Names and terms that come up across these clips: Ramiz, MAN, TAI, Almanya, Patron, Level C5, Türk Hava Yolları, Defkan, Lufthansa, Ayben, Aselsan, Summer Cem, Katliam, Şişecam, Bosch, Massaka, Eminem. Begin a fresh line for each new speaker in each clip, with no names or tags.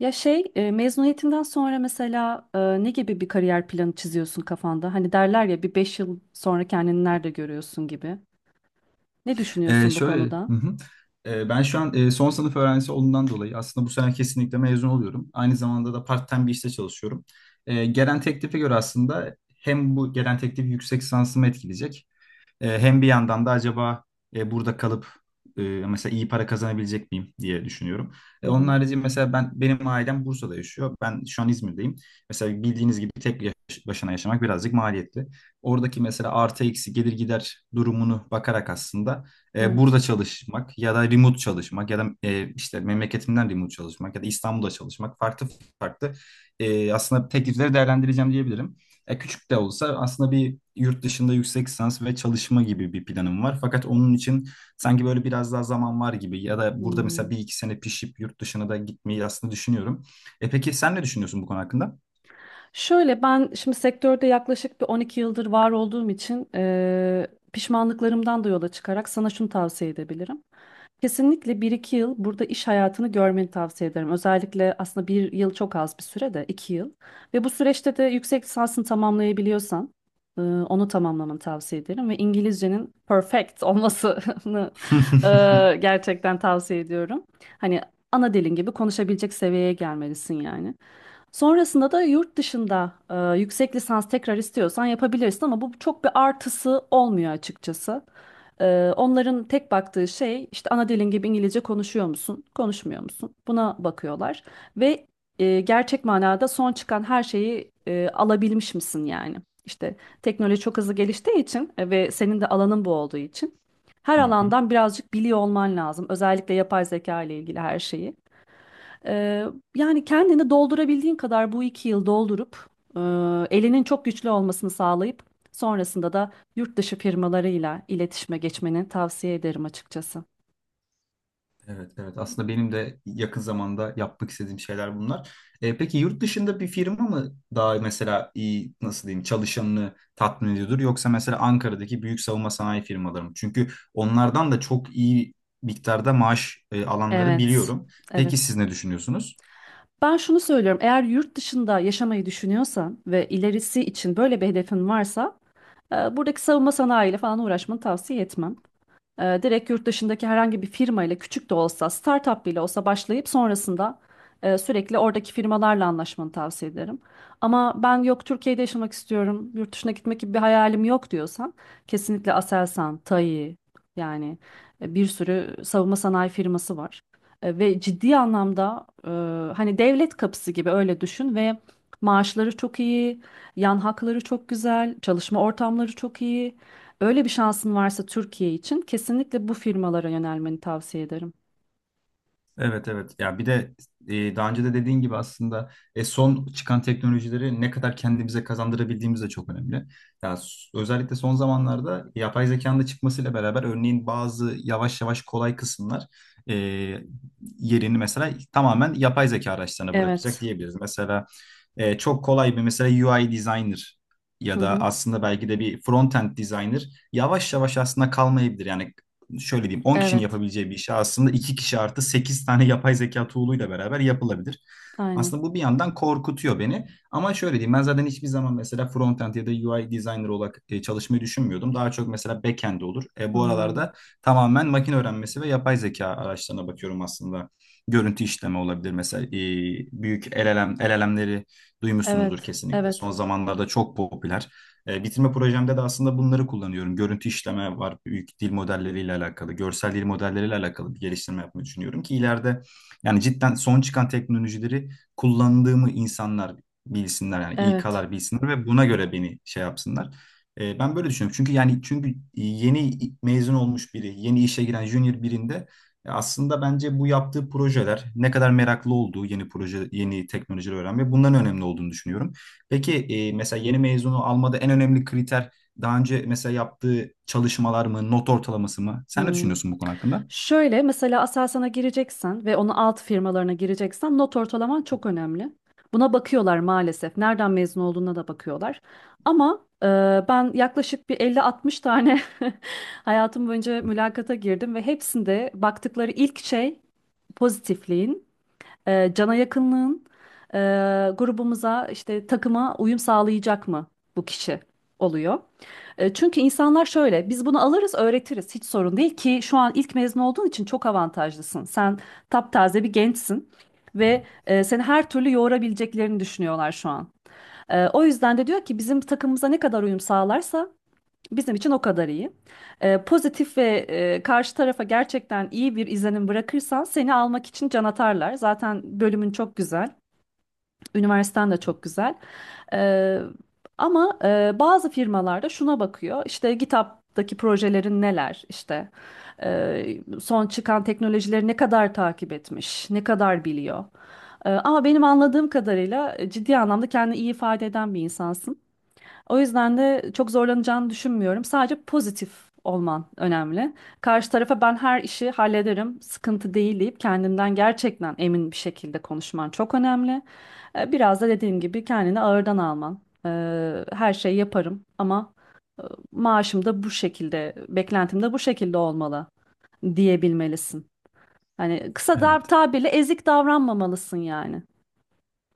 Ya şey mezuniyetinden sonra mesela ne gibi bir kariyer planı çiziyorsun kafanda? Hani derler ya bir 5 yıl sonra kendini nerede görüyorsun gibi. Ne düşünüyorsun bu
Şöyle, hı
konuda?
hı. Ben şu an son sınıf öğrencisi olduğundan dolayı aslında bu sene kesinlikle mezun oluyorum. Aynı zamanda da part-time bir işte çalışıyorum. Gelen teklife göre aslında hem bu gelen teklif yüksek lisansımı etkileyecek, hem bir yandan da acaba burada kalıp mesela iyi para kazanabilecek miyim diye düşünüyorum.
Hı
Onun
hı.
harici mesela benim ailem Bursa'da yaşıyor. Ben şu an İzmir'deyim. Mesela bildiğiniz gibi tek başına yaşamak birazcık maliyetli. Oradaki mesela artı eksi gelir gider durumunu bakarak aslında
Evet.
burada çalışmak ya da remote çalışmak ya da işte memleketimden remote çalışmak ya da İstanbul'da çalışmak farklı farklı, aslında teklifleri değerlendireceğim diyebilirim. Ya küçük de olsa aslında bir yurt dışında yüksek lisans ve çalışma gibi bir planım var. Fakat onun için sanki böyle biraz daha zaman var gibi ya da burada mesela
Hmm.
bir iki sene pişip yurt dışına da gitmeyi aslında düşünüyorum. E peki sen ne düşünüyorsun bu konu hakkında?
Şöyle ben şimdi sektörde yaklaşık bir 12 yıldır var olduğum için pişmanlıklarımdan da yola çıkarak sana şunu tavsiye edebilirim. Kesinlikle bir iki yıl burada iş hayatını görmeni tavsiye ederim. Özellikle aslında bir yıl çok az bir süre, de 2 yıl. Ve bu süreçte de yüksek lisansını tamamlayabiliyorsan onu tamamlamanı tavsiye ederim. Ve İngilizcenin perfect olmasını e, gerçekten tavsiye ediyorum. Hani ana dilin gibi konuşabilecek seviyeye gelmelisin yani. Sonrasında da yurt dışında yüksek lisans tekrar istiyorsan yapabilirsin ama bu çok bir artısı olmuyor açıkçası. Onların tek baktığı şey işte ana dilin gibi İngilizce konuşuyor musun, konuşmuyor musun? Buna bakıyorlar ve gerçek manada son çıkan her şeyi alabilmiş misin yani? İşte teknoloji çok hızlı geliştiği için ve senin de alanın bu olduğu için her
Hı hı.
alandan birazcık biliyor olman lazım. Özellikle yapay zeka ile ilgili her şeyi. Ee, yani kendini doldurabildiğin kadar bu 2 yıl doldurup e, elinin çok güçlü olmasını sağlayıp sonrasında da yurt dışı firmalarıyla iletişime geçmeni tavsiye ederim açıkçası.
Evet, evet. Aslında benim de yakın zamanda yapmak istediğim şeyler bunlar. Peki yurt dışında bir firma mı daha mesela iyi, nasıl diyeyim, çalışanını tatmin ediyordur, yoksa mesela Ankara'daki büyük savunma sanayi firmaları mı? Çünkü onlardan da çok iyi miktarda maaş alanları
Evet,
biliyorum. Peki
evet.
siz ne düşünüyorsunuz?
Ben şunu söylüyorum, eğer yurt dışında yaşamayı düşünüyorsan ve ilerisi için böyle bir hedefin varsa buradaki savunma sanayiyle falan uğraşmanı tavsiye etmem. Direkt yurt dışındaki herhangi bir firma ile küçük de olsa, startup bile olsa başlayıp sonrasında sürekli oradaki firmalarla anlaşmanı tavsiye ederim. Ama ben yok Türkiye'de yaşamak istiyorum, yurt dışına gitmek gibi bir hayalim yok diyorsan kesinlikle Aselsan, TAI yani bir sürü savunma sanayi firması var. Ve ciddi anlamda hani devlet kapısı gibi öyle düşün ve maaşları çok iyi, yan hakları çok güzel, çalışma ortamları çok iyi. Öyle bir şansın varsa Türkiye için kesinlikle bu firmalara yönelmeni tavsiye ederim.
Evet, evet. Ya bir de daha önce de dediğin gibi aslında son çıkan teknolojileri ne kadar kendimize kazandırabildiğimiz de çok önemli. Ya özellikle son zamanlarda yapay zekanın da çıkmasıyla beraber örneğin bazı yavaş yavaş kolay kısımlar e, yerini mesela tamamen yapay zeka araçlarına bırakacak
Evet.
diyebiliriz. Mesela çok kolay bir mesela UI designer ya
Hı
da
hı.
aslında belki de bir front-end designer yavaş yavaş aslında kalmayabilir. Yani şöyle diyeyim, 10 kişinin
Evet.
yapabileceği bir işi aslında 2 kişi artı 8 tane yapay zeka tool'uyla beraber yapılabilir.
Aynen.
Aslında bu bir yandan korkutuyor beni. Ama şöyle diyeyim, ben zaten hiçbir zaman mesela front-end ya da UI designer olarak çalışmayı düşünmüyordum. Daha çok mesela back-end olur. Bu
Hmm.
aralarda tamamen makine öğrenmesi ve yapay zeka araçlarına bakıyorum aslında. Görüntü işleme olabilir mesela, büyük LLM, LLM'leri duymuşsunuzdur
Evet.
kesinlikle. Son
Evet.
zamanlarda çok popüler. Bitirme projemde de aslında bunları kullanıyorum. Görüntü işleme var, büyük dil modelleriyle alakalı, görsel dil modelleriyle alakalı bir geliştirme yapmayı düşünüyorum ki ileride yani cidden son çıkan teknolojileri kullandığımı insanlar bilsinler, yani
Evet.
İK'lar bilsinler ve buna göre beni şey yapsınlar. Ben böyle düşünüyorum. Çünkü yani çünkü yeni mezun olmuş biri, yeni işe giren junior birinde, ya aslında bence bu yaptığı projeler, ne kadar meraklı olduğu, yeni proje, yeni teknolojileri öğrenme, bunların önemli olduğunu düşünüyorum. Peki mesela yeni mezunu almada en önemli kriter daha önce mesela yaptığı çalışmalar mı, not ortalaması mı? Sen ne
Hmm.
düşünüyorsun bu konu hakkında?
Şöyle mesela Aselsan'a gireceksen ve onun alt firmalarına gireceksen not ortalaman çok önemli. Buna bakıyorlar maalesef. Nereden mezun olduğuna da bakıyorlar. Ama ben yaklaşık bir 50-60 tane hayatım boyunca mülakata girdim ve hepsinde baktıkları ilk şey pozitifliğin, cana yakınlığın, e, grubumuza, işte takıma uyum sağlayacak mı bu kişi, oluyor. Çünkü insanlar şöyle, biz bunu alırız öğretiriz, hiç sorun değil ki şu an ilk mezun olduğun için çok avantajlısın. Sen taptaze bir gençsin. Ve seni her türlü yoğurabileceklerini düşünüyorlar şu an. O yüzden de diyor ki bizim takımımıza ne kadar uyum sağlarsa bizim için o kadar iyi. Pozitif ve karşı tarafa gerçekten iyi bir izlenim bırakırsan seni almak için can atarlar. Zaten bölümün çok güzel, üniversiten de çok güzel. Ee, ama bazı firmalarda şuna bakıyor: işte GitHub'daki projelerin neler, işte son çıkan teknolojileri ne kadar takip etmiş, ne kadar biliyor. Ama benim anladığım kadarıyla ciddi anlamda kendini iyi ifade eden bir insansın. O yüzden de çok zorlanacağını düşünmüyorum. Sadece pozitif olman önemli. Karşı tarafa, ben her işi hallederim, sıkıntı değil, deyip kendinden gerçekten emin bir şekilde konuşman çok önemli. Biraz da dediğim gibi kendini ağırdan alman. Her şeyi yaparım ama e, maaşım da bu şekilde, beklentim de bu şekilde olmalı diyebilmelisin. Hani kısa da
Evet.
tabirle ezik davranmamalısın yani.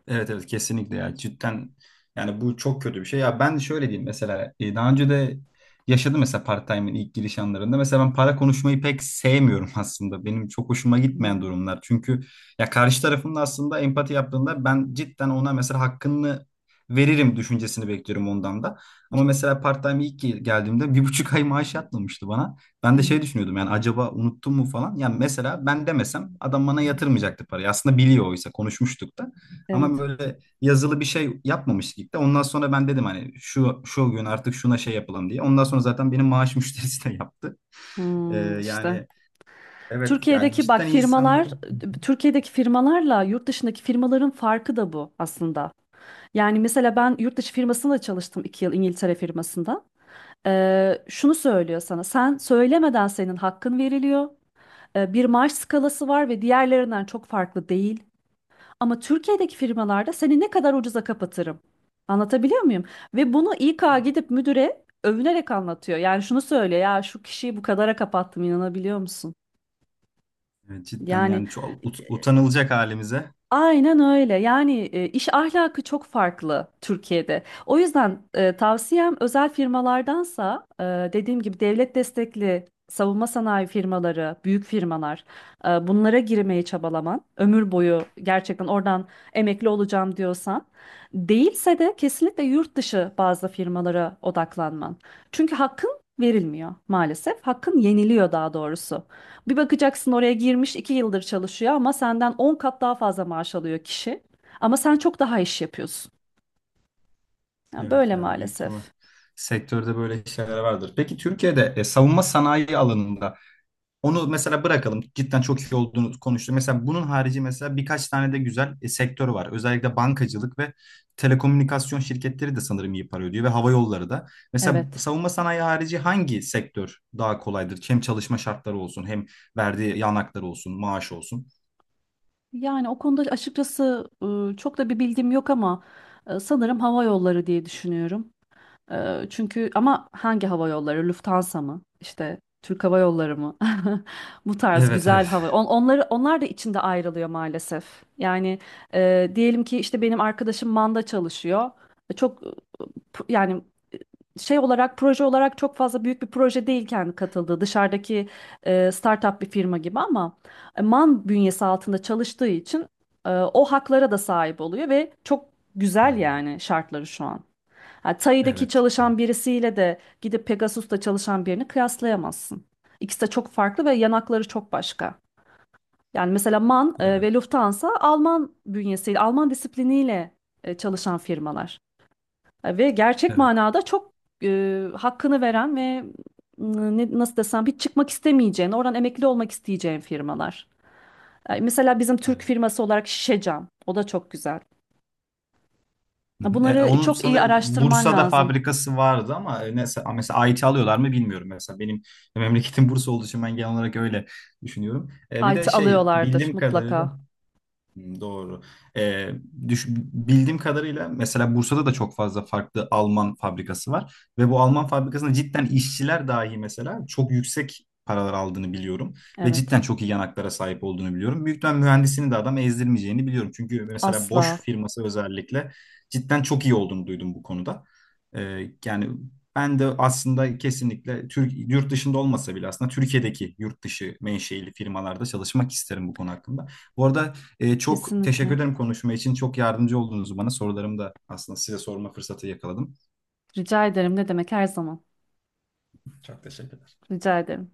Evet, evet, kesinlikle ya, cidden yani bu çok kötü bir şey ya. Ben şöyle diyeyim, mesela daha önce de yaşadım mesela part-time'in ilk giriş anlarında, mesela ben para konuşmayı pek sevmiyorum aslında, benim çok hoşuma gitmeyen
Hmm.
durumlar. Çünkü ya karşı tarafında aslında empati yaptığında ben cidden ona mesela hakkını veririm düşüncesini bekliyorum ondan da, ama mesela part-time ilk geldiğimde 1,5 ay maaş yatmamıştı bana. Ben de
Evet,
şey düşünüyordum, yani acaba unuttum mu falan, yani mesela ben demesem adam bana yatırmayacaktı parayı aslında, biliyor, oysa konuşmuştuk da, ama
evet.
böyle yazılı bir şey yapmamıştık ilk de. Ondan sonra ben dedim hani şu şu gün artık şuna şey yapalım diye. Ondan sonra zaten benim maaş müşterisi de yaptı.
Hmm, işte.
Yani evet ya,
Türkiye'deki bak
cidden iyi
firmalar,
sanırım.
Türkiye'deki firmalarla yurt dışındaki firmaların farkı da bu aslında. Yani mesela ben yurt dışı firmasında çalıştım, 2 yıl İngiltere firmasında. Şunu söylüyor sana, sen söylemeden senin hakkın veriliyor. Bir maaş skalası var ve diğerlerinden çok farklı değil. Ama Türkiye'deki firmalarda, seni ne kadar ucuza kapatırım. Anlatabiliyor muyum? Ve bunu İK gidip müdüre övünerek anlatıyor. Yani şunu söylüyor, ya şu kişiyi bu kadara kapattım, inanabiliyor musun?
Evet, cidden
Yani
yani çok utanılacak halimize.
aynen öyle. Yani iş ahlakı çok farklı Türkiye'de. O yüzden tavsiyem, özel firmalardansa dediğim gibi devlet destekli savunma sanayi firmaları, büyük firmalar, bunlara girmeye çabalaman, ömür boyu gerçekten oradan emekli olacağım diyorsan; değilse de kesinlikle yurt dışı bazı firmalara odaklanman. Çünkü hakkın verilmiyor maalesef. Hakkın yeniliyor daha doğrusu. Bir bakacaksın, oraya girmiş 2 yıldır çalışıyor ama senden 10 kat daha fazla maaş alıyor kişi. Ama sen çok daha iş yapıyorsun. Yani
Evet
böyle
ya, büyük ihtimal
maalesef.
sektörde böyle şeyler vardır. Peki Türkiye'de savunma sanayi alanında, onu mesela bırakalım. Cidden çok iyi olduğunu konuştuk. Mesela bunun harici mesela birkaç tane de güzel sektör var. Özellikle bankacılık ve telekomünikasyon şirketleri de sanırım iyi para ödüyor ve hava yolları da. Mesela
Evet.
savunma sanayi harici hangi sektör daha kolaydır? Hem çalışma şartları olsun, hem verdiği yanakları olsun, maaş olsun.
Yani o konuda açıkçası çok da bir bilgim yok ama sanırım hava yolları diye düşünüyorum. Çünkü ama hangi hava yolları? Lufthansa mı? İşte Türk Hava Yolları mı? Bu tarz
Evet, evet.
güzel hava. Onları, onlar da içinde ayrılıyor maalesef. Yani diyelim ki işte benim arkadaşım Man'da çalışıyor. Çok yani şey olarak, proje olarak çok fazla büyük bir proje değil kendi katıldığı, dışarıdaki startup bir firma gibi ama MAN bünyesi altında çalıştığı için o haklara da sahip oluyor ve çok güzel
Hmm.
yani şartları şu an. Ha, Tai'deki
Evet, evet,
çalışan birisiyle de gidip Pegasus'ta çalışan birini kıyaslayamazsın. İkisi de çok farklı ve yanakları çok başka. Yani mesela MAN
evet,
ve Lufthansa, Alman bünyesiyle, Alman disipliniyle çalışan firmalar. Ve gerçek
evet,
manada çok hakkını veren ve nasıl desem, hiç çıkmak istemeyeceğin, oradan emekli olmak isteyeceğin firmalar. Mesela bizim
evet.
Türk firması olarak Şişecam. O da çok güzel.
Hı hı.
Bunları
Onun
çok iyi
sanırım
araştırman
Bursa'da
lazım.
fabrikası vardı ama, neyse, a, mesela IT alıyorlar mı bilmiyorum mesela. Benim memleketim Bursa olduğu için ben genel olarak öyle düşünüyorum. Bir de
IT
şey,
alıyorlardır
bildiğim kadarıyla,
mutlaka.
hmm, doğru. Ee, düş, bildiğim kadarıyla mesela Bursa'da da çok fazla farklı Alman fabrikası var ve bu Alman fabrikasında cidden işçiler dahi mesela çok yüksek paralar aldığını biliyorum ve
Evet.
cidden çok iyi yanaklara sahip olduğunu biliyorum. Büyük ihtimal mühendisini de adam ezdirmeyeceğini biliyorum. Çünkü mesela Bosch
Asla.
firması özellikle cidden çok iyi olduğunu duydum bu konuda. Yani ben de aslında kesinlikle Türk, yurt dışında olmasa bile aslında Türkiye'deki yurt dışı menşeili firmalarda çalışmak isterim bu konu hakkında. Bu arada çok
Kesinlikle.
teşekkür ederim konuşma için. Çok yardımcı oldunuz bana. Sorularımı da aslında size sorma fırsatı yakaladım.
Rica ederim. Ne demek, her zaman.
Çok teşekkür
Rica ederim.